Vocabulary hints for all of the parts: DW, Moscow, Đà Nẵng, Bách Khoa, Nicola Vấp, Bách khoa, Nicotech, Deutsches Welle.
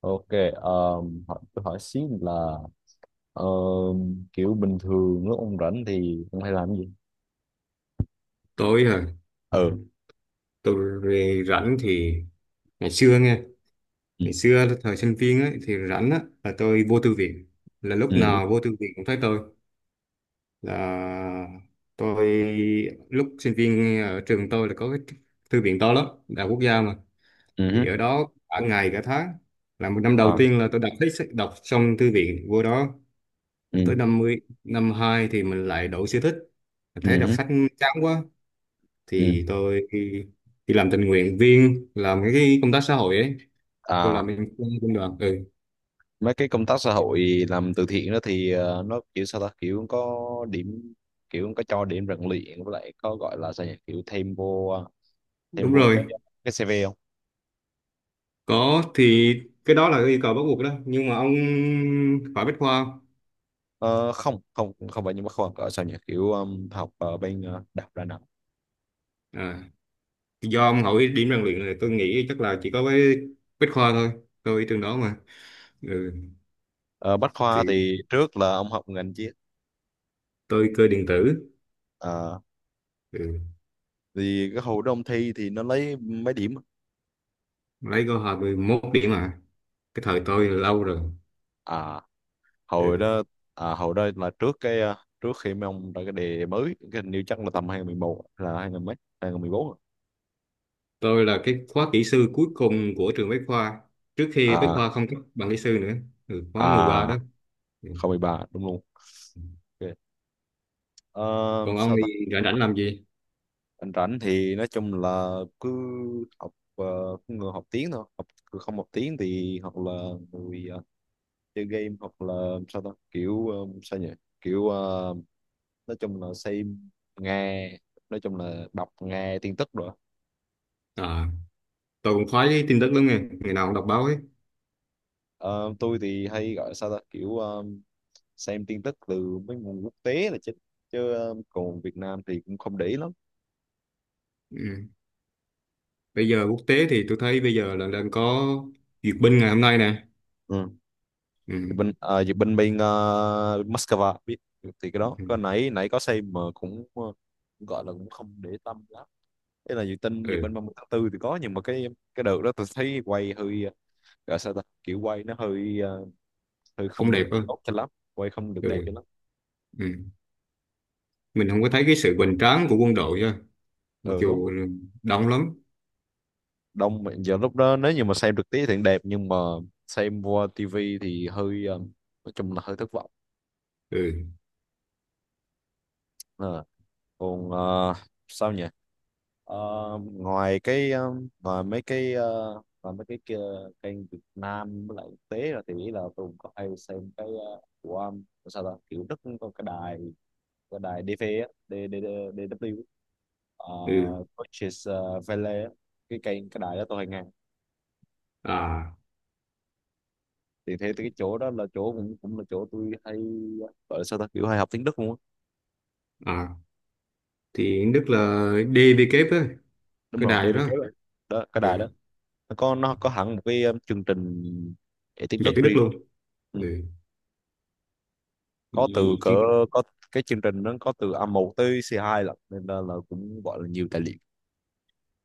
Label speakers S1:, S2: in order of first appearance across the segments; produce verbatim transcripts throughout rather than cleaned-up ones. S1: Ok, um, hỏi, tôi hỏi xí là um, kiểu bình thường lúc ông rảnh thì ông hay làm cái gì?
S2: Tối hả?
S1: Ừ.
S2: Tôi về rảnh thì ngày xưa nghe,
S1: Ừ.
S2: ngày xưa là thời sinh viên ấy, thì rảnh á là tôi vô thư viện. Là lúc
S1: Ừ.
S2: nào vô thư viện cũng thấy tôi. Là tôi lúc sinh viên ở trường tôi là có cái thư viện to lắm, đại học quốc gia mà.
S1: Ừ hứ.
S2: Thì ở đó cả ngày cả tháng. Là một năm đầu
S1: Ờ.
S2: tiên là tôi đọc hết sách- đọc xong thư viện vô đó.
S1: Ừ.
S2: Tới năm mươi năm hai thì mình lại đổi sở thích. Mình
S1: Ừ
S2: thấy đọc
S1: hứ.
S2: sách chán quá
S1: Ừ.
S2: thì tôi đi, đi làm tình nguyện viên làm cái công tác xã hội ấy, tôi làm
S1: À,
S2: bên quân quân đoàn. Ừ,
S1: mấy cái công tác xã hội làm từ thiện đó thì ờ, nó kiểu sao ta kiểu có điểm, kiểu có cho điểm rèn luyện với lại có gọi là sao nhỉ kiểu thêm vô ờ, thêm
S2: đúng
S1: vô cái
S2: rồi,
S1: cái xê vê không?
S2: có thì cái đó là cái yêu cầu bắt buộc đó, nhưng mà ông phải bách khoa.
S1: Ờ, không không không phải nhưng mà khoa gọi sao nhỉ kiểu um, học ở bên ờ, đại học Đà Nẵng.
S2: À, do ông hỏi điểm rèn luyện này tôi nghĩ chắc là chỉ có với bách khoa thôi, tôi trường đó mà. Ừ.
S1: Ờ, Bách
S2: Thì
S1: khoa thì trước là ông học ngành triết,
S2: tôi cơ điện tử. Ừ,
S1: thì cái hồi đó ông thi thì nó lấy mấy điểm?
S2: lấy có hai mươi mốt điểm mà, cái thời tôi là lâu rồi.
S1: À hồi
S2: Ừ.
S1: đó. À hồi đó là trước cái à, trước khi mấy ông ra cái đề mới, cái hình như chắc là tầm hai không một một là hai nghìn mấy, hai nghìn mười bốn.
S2: Tôi là cái khóa kỹ sư cuối cùng của trường Bách Khoa, trước khi Bách
S1: À.
S2: Khoa không cấp bằng kỹ sư nữa. Ừ, khóa
S1: À,
S2: mười ba đó. Ừ.
S1: không mười ba đúng luôn. Ok. Ờ,
S2: Còn ông
S1: sao
S2: thì
S1: ta,
S2: rảnh rảnh làm gì?
S1: anh rảnh thì nói chung là cứ học, ờ, cứ người học tiếng thôi, học cứ không học tiếng thì hoặc là người ờ, chơi game, hoặc là sao ta kiểu ờ, sao nhỉ, kiểu ờ, nói chung là xem, nghe, nói chung là đọc nghe tin tức rồi.
S2: À, tôi cũng khoái cái tin tức lắm nghe, ngày nào cũng đọc báo ấy.
S1: Ờ, tôi thì hay gọi sao ta kiểu ờ, xem tin tức từ mấy nguồn quốc tế là chính, chứ ờ, còn Việt Nam thì cũng không để ý lắm.
S2: Ừ, bây giờ quốc tế thì tôi thấy bây giờ là đang có duyệt binh ngày hôm nay nè.
S1: Ừ. Thì
S2: Ừ.
S1: bên ờ, thì bên bên ờ, Moscow biết, thì cái đó
S2: Ừ.
S1: cái nãy nãy có xem mà cũng ờ, gọi là cũng không để tâm lắm. Thế là dự tin về
S2: Ừ.
S1: bên ba mươi tháng tư thì có, nhưng mà cái cái đợt đó tôi thấy quay hơi ờ, gọi sao ta kiểu quay nó hơi ờ, hơi
S2: Không
S1: không
S2: đẹp
S1: được
S2: đâu.
S1: tốt cho lắm. Quay không được đẹp
S2: Ừ.
S1: cho lắm.
S2: Ừ. Mình không có thấy cái sự hoành tráng của quân đội á, mặc
S1: Ờ đúng.
S2: dù đông lắm.
S1: Đông mà giờ lúc đó nếu như mà xem trực tiếp thì đẹp, nhưng mà xem qua tivi thì hơi ờ, nói chung là hơi thất vọng.
S2: Ừ.
S1: Ờ, còn ờ, sao nhỉ. Ờ, ngoài cái ờ, ngoài mấy cái ờ, ngoài mấy cái kia, kênh Việt Nam với lại quốc tế, là thì nghĩ là tôi cũng có hay xem cái ờ, của um, sao ta kiểu Đức cũng có cái đài, cái đài đê vê á, D- D- D- đi đắp liu,
S2: Ừ.
S1: uh, Deutsches ờ, Welle á. Cái kênh, cái đài đó tôi hay nghe.
S2: À.
S1: Thì thế cái chỗ đó là chỗ cũng cũng là chỗ tôi hay gọi là sao ta kiểu hay học tiếng Đức luôn á.
S2: À, thì Đức là đê vê kép á,
S1: Đúng
S2: cái
S1: rồi,
S2: đài đó.
S1: đê bê ca đó. Đó, cái đài
S2: Ừ.
S1: đó. Nó có nó có hẳn một cái um, chương trình dạy tiếng
S2: Dạy
S1: Đức
S2: tiếng Đức
S1: riêng.
S2: luôn.
S1: Ừ.
S2: Ừ.
S1: Có từ
S2: Gì
S1: cỡ,
S2: chứ?
S1: có cái chương trình nó có từ a một tới xê hai lận, nên là, là cũng gọi là nhiều tài liệu.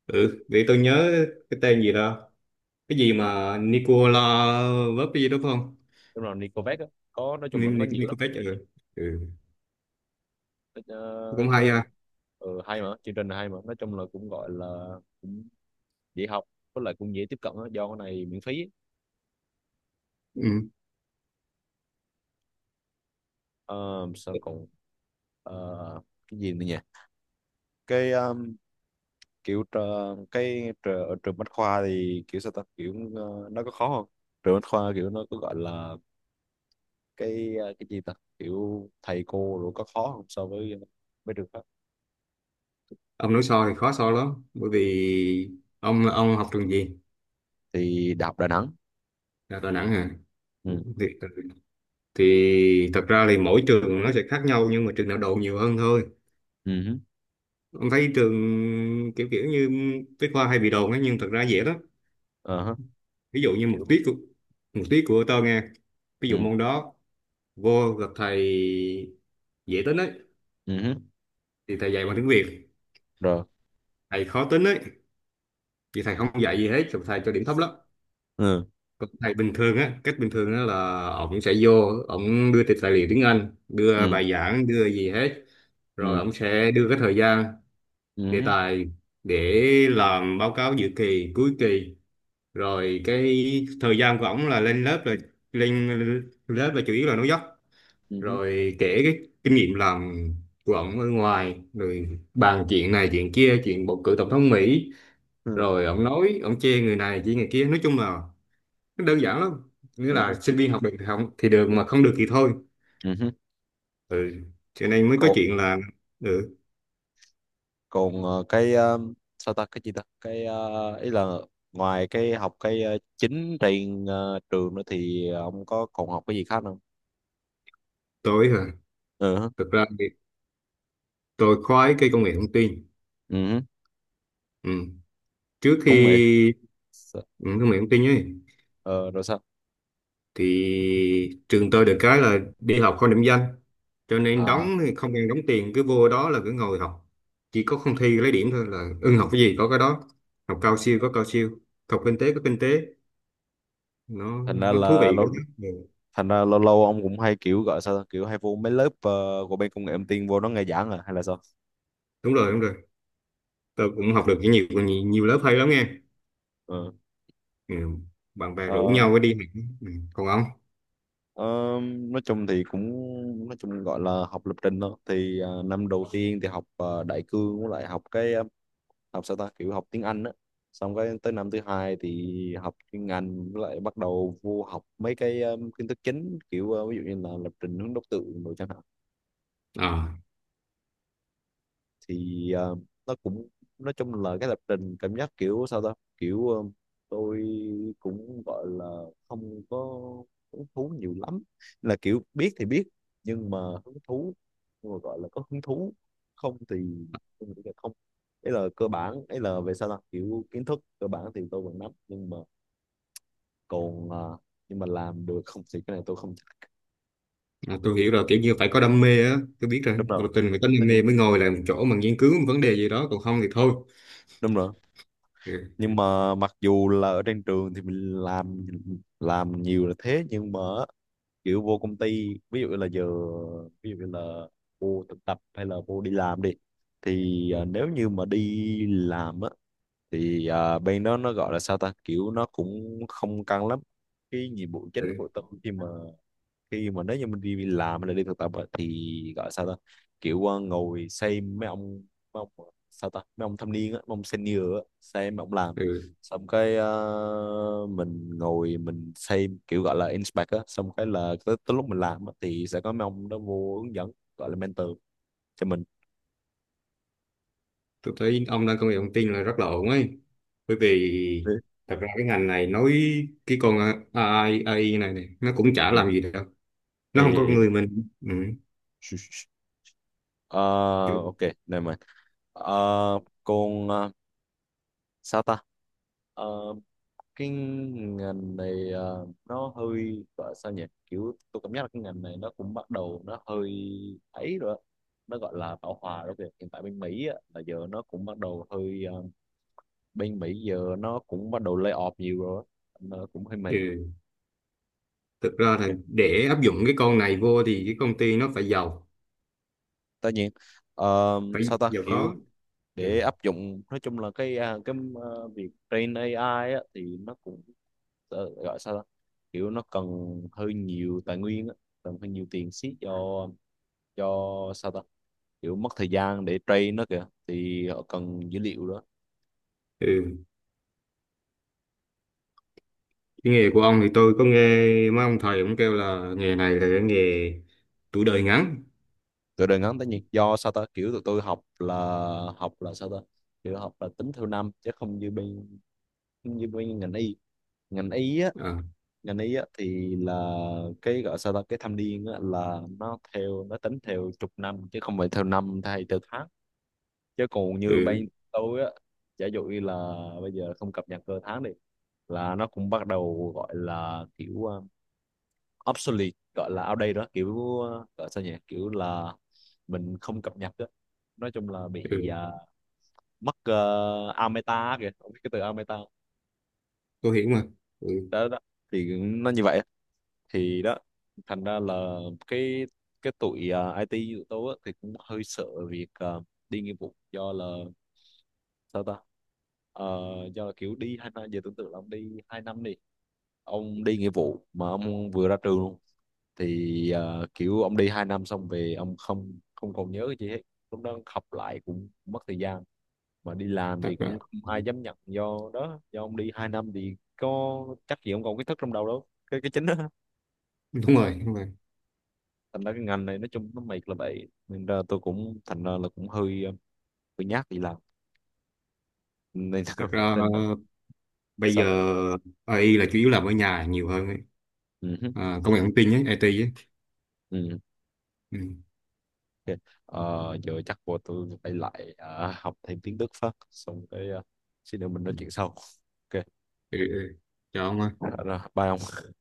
S2: Ừ, để tôi nhớ cái tên gì đó. Cái gì mà Nicola Vấp cái gì đó phải không?
S1: Đúng rồi, Nicovec á. Có nói chung
S2: Ni-
S1: là có
S2: Ni-
S1: nhiều lắm.
S2: Nicotech. Ừ. Ừ.
S1: nó,
S2: Cũng hay
S1: nó
S2: ha.
S1: Ừ, hay mà, chương trình này hay mà, nói chung là cũng gọi là cũng dễ học, với lại cũng dễ tiếp cận á, do cái này miễn phí.
S2: Ừ.
S1: Uh, sao còn ờ, cái gì nữa nhỉ. Cái um, kiểu tr- cái tr- ở trường Bách Khoa thì kiểu sao ta kiểu ờ, nó có khó không, trường Bách Khoa kiểu nó có gọi là cái ờ, cái gì ta, kiểu thầy cô rồi có khó không so với mấy trường khác?
S2: Ông nói so thì khó so lắm. Bởi vì ông ông học trường gì?
S1: Thì Đại học Đà Nẵng.
S2: Là Đà Nẵng hả?
S1: Ừ.
S2: Thì, thì thật ra thì mỗi trường nó sẽ khác nhau, nhưng mà trường nào đồn nhiều hơn thôi.
S1: Ừ hứ.
S2: Ông thấy trường kiểu kiểu như Bách Khoa hay bị đồn ấy, nhưng thật ra dễ lắm.
S1: Ờ hứ.
S2: Ví dụ như một
S1: Kiểu.
S2: tiết của- một tiết của tôi nghe, ví
S1: Ừ.
S2: dụ môn đó vô gặp thầy dễ tính ấy
S1: Ừ hứ.
S2: thì thầy dạy bằng tiếng Việt,
S1: Rồi.
S2: thầy khó tính ấy thì thầy không dạy gì hết, thầy cho điểm thấp lắm.
S1: Ừ.
S2: Còn thầy bình thường á, cách bình thường á là ổng sẽ vô, ổng đưa tài liệu tiếng Anh, đưa
S1: Ừ.
S2: bài giảng, đưa gì hết, rồi
S1: Ừ.
S2: ổng sẽ đưa cái thời gian,
S1: Ừ
S2: đề
S1: hứ.
S2: tài để làm báo cáo dự kỳ cuối kỳ. Rồi cái thời gian của ổng là lên lớp, là lên lớp là chủ yếu là nói dốc,
S1: Ừ hứ.
S2: rồi kể cái kinh nghiệm làm của ông ở ngoài, rồi bàn chuyện này chuyện kia, chuyện bầu cử tổng thống Mỹ,
S1: Ừ.
S2: rồi ông nói ông chê người này chê người kia. Nói chung là nó đơn giản lắm, nghĩa
S1: Ừ
S2: là
S1: hứ.
S2: sinh viên học được thì không thì được, mà không được thì thôi.
S1: Ừ hứ.
S2: Ừ, cho nên mới có
S1: Cậu-
S2: chuyện là ừ,
S1: còn ờ, cái ờ, sao ta cái gì ta cái ờ, ý là ngoài cái học cái ờ, chính trên ờ, trường nữa thì ông có còn học cái gì khác không?
S2: tôi hả,
S1: Ừ hứ.
S2: thực ra thì tôi khoái cái công nghệ thông tin.
S1: Ừ hứ.
S2: Ừ. Trước
S1: Công nghệ.
S2: khi
S1: S-
S2: ừ, công nghệ thông tin ấy,
S1: ờ, rồi sao?
S2: thì trường tôi được cái là đi học không điểm danh, cho nên
S1: À,
S2: đóng thì không cần đóng tiền, cứ vô đó là cứ ngồi học. Chỉ có không thi lấy điểm thôi, là ưng học cái gì có cái đó. Học cao siêu có cao siêu, học kinh tế có kinh tế. nó
S1: thành ra
S2: nó thú
S1: là
S2: vị
S1: lâu,
S2: cái đó. Ừ.
S1: thành ra lâu lâu ông cũng hay kiểu gọi sao ta? Kiểu hay vô mấy lớp ờ, của bên công nghệ thông tin, vô nó nghe giảng à hay là sao?
S2: Đúng rồi, đúng rồi, tôi cũng học được nhiều nhiều, nhiều lớp hay lắm nghe.
S1: Ừ.
S2: Ừ. Bạn bè rủ
S1: Ờ,
S2: nhau đi học. Ừ. Còn ông?
S1: ờ, nói chung thì cũng nói chung gọi là học lập trình thôi, thì ờ, năm đầu tiên thì học ờ, đại cương với lại học cái ờ, học sao ta kiểu học tiếng Anh á, xong cái tới năm thứ hai thì học chuyên ngành, với lại bắt đầu vô học mấy cái um, kiến thức chính kiểu uh, ví dụ như là lập trình hướng đốc tượng đồ chẳng hạn.
S2: À,
S1: Thì ờ, nó cũng nói chung là cái lập trình cảm giác kiểu sao ta kiểu ờ, tôi cũng gọi là không có hứng thú nhiều lắm, là kiểu biết thì biết, nhưng mà hứng thú, nhưng mà gọi là có hứng thú không thì tôi nghĩ là không. Ấy là cơ bản, ấy là về sao ta kiểu kiến thức cơ bản thì tôi vẫn nắm, nhưng mà còn ờ, nhưng mà làm được không thì cái này tôi không chắc.
S2: à tôi hiểu rồi, kiểu như phải có đam mê á, tôi biết rồi,
S1: Đúng rồi.
S2: một tình phải có đam
S1: Tất nhiên.
S2: mê mới ngồi lại một chỗ mà nghiên cứu một vấn đề gì đó, còn không thì thôi.
S1: Đúng rồi.
S2: Ừ.
S1: Nhưng mà mặc dù là ở trên trường thì mình làm làm nhiều là thế, nhưng mà kiểu vô công ty ví dụ là giờ, ví dụ như là vô thực tập hay là vô đi làm đi, thì
S2: Ừ.
S1: à, nếu như mà đi làm á thì à, bên đó nó gọi là sao ta kiểu nó cũng không căng lắm. Cái nhiệm vụ chính của
S2: Ừ.
S1: tụi khi mà, khi mà nếu như mình đi làm hay là đi thực tập á, thì gọi sao ta kiểu ờ, ngồi xem mấy ông, mấy ông ờ, sao ta mấy ông thâm niên á, mấy ông senior á, xem mấy ông làm,
S2: Ừ.
S1: xong cái ờ, mình ngồi mình xem kiểu gọi là inspect á, xong cái là tới, tới lúc mình làm á, thì sẽ có mấy ông đó vô hướng dẫn, gọi là mentor cho mình.
S2: Tôi thấy ông đang công nghệ thông tin là rất là ổn ấy, bởi vì
S1: Ừ.
S2: thật ra cái ngành này nói, cái con a i, a i này này nó cũng chả làm gì đâu,
S1: Ê,
S2: nó không có
S1: ê,
S2: con
S1: ê.
S2: người mình. Ừ.
S1: Shh, shh, shh. Ờ,
S2: Kiểu-
S1: ok, never mind. Ờ, còn ờ, sao ta? Ờ, cái ngành này ờ, nó hơi gọi sao nhỉ kiểu tôi cảm giác là cái ngành này nó cũng bắt đầu nó hơi ấy rồi á. Nó gọi là bão hòa đó kìa, hiện tại bên Mỹ á, là giờ nó cũng bắt đầu hơi ờ, bên Mỹ giờ nó cũng bắt đầu lay off nhiều rồi á. Nó cũng hơi mệt.
S2: ừ. Thực ra là để áp dụng cái con này vô thì cái công ty nó phải giàu,
S1: Tất nhiên. Ờ,
S2: phải
S1: sao ta
S2: giàu
S1: kiểu
S2: có. Ừ.
S1: để áp dụng nói chung là cái à, cái ờ, việc train a i á, thì nó cũng ờ, gọi sao ta kiểu nó cần hơi nhiều tài nguyên á, cần hơi nhiều tiền xí cho cho sao ta kiểu mất thời gian để train nó kìa, thì họ cần dữ liệu đó.
S2: Ừ. Cái nghề của ông thì tôi có nghe mấy ông thầy cũng kêu là nghề này là cái nghề tuổi đời ngắn.
S1: Từ đời ngắn tất nhiên do sao ta kiểu tụi tôi học là học là sao ta kiểu học là tính theo năm chứ không như bên, như bên ngành y, ngành y á,
S2: À.
S1: ngành y á thì là cái gọi sao ta cái thâm niên á là nó theo nó tính theo chục năm chứ không phải theo năm hay theo tháng. Chứ còn như
S2: Ừ.
S1: bên tôi á, giả dụ như là bây giờ không cập nhật cơ tháng đi, là nó cũng bắt đầu gọi là kiểu à, obsolete, gọi là outdated đó, kiểu ờ, gọi sao nhỉ kiểu là mình không cập nhật đó. Nói chung là bị
S2: Ừ.
S1: ờ, mất uh, ameta kìa, không biết cái từ ameta.
S2: Tôi hiểu mà. Ừ.
S1: Đó đó. Thì nó như vậy. Thì đó, thành ra là cái cái tụi ờ, ai ti tụi tôi á, thì cũng hơi sợ việc ờ, đi nghĩa vụ, do là sao ta. Ờ, do là kiểu đi hai năm, giờ tưởng tượng là ông đi hai năm đi, ông đi nghĩa vụ mà ông vừa ra trường luôn, thì ờ, kiểu ông đi hai năm xong về ông không không còn nhớ cái gì hết, lúc đó học lại cũng mất thời gian, mà đi làm
S2: Thật
S1: thì
S2: ra
S1: cũng không
S2: ừ.
S1: ai dám nhận do đó, do ông đi hai năm thì có chắc gì ông còn kiến thức trong đầu đâu, cái cái chính đó.
S2: Đúng rồi, đúng rồi,
S1: Thành ra cái ngành này nói chung nó mệt là vậy, nên ra tôi cũng thành ra là cũng hơi ờ, hơi nhát đi làm nên
S2: thật ra
S1: nên
S2: bây giờ
S1: sao.
S2: a i là chủ yếu làm ở nhà nhiều hơn ấy.
S1: Ừ hứ.
S2: À, công nghệ thông tin ấy, ai ti ấy.
S1: Ừ.
S2: Ừ.
S1: Ok. Ờ, giờ chắc của tôi phải lại ờ, học thêm tiếng Đức phát, xong cái ờ, xin được mình nói
S2: Ừ.
S1: chuyện sau. Ok.
S2: Ừ. Ừ. Chào ông.
S1: Ờ, rồi, bye ông.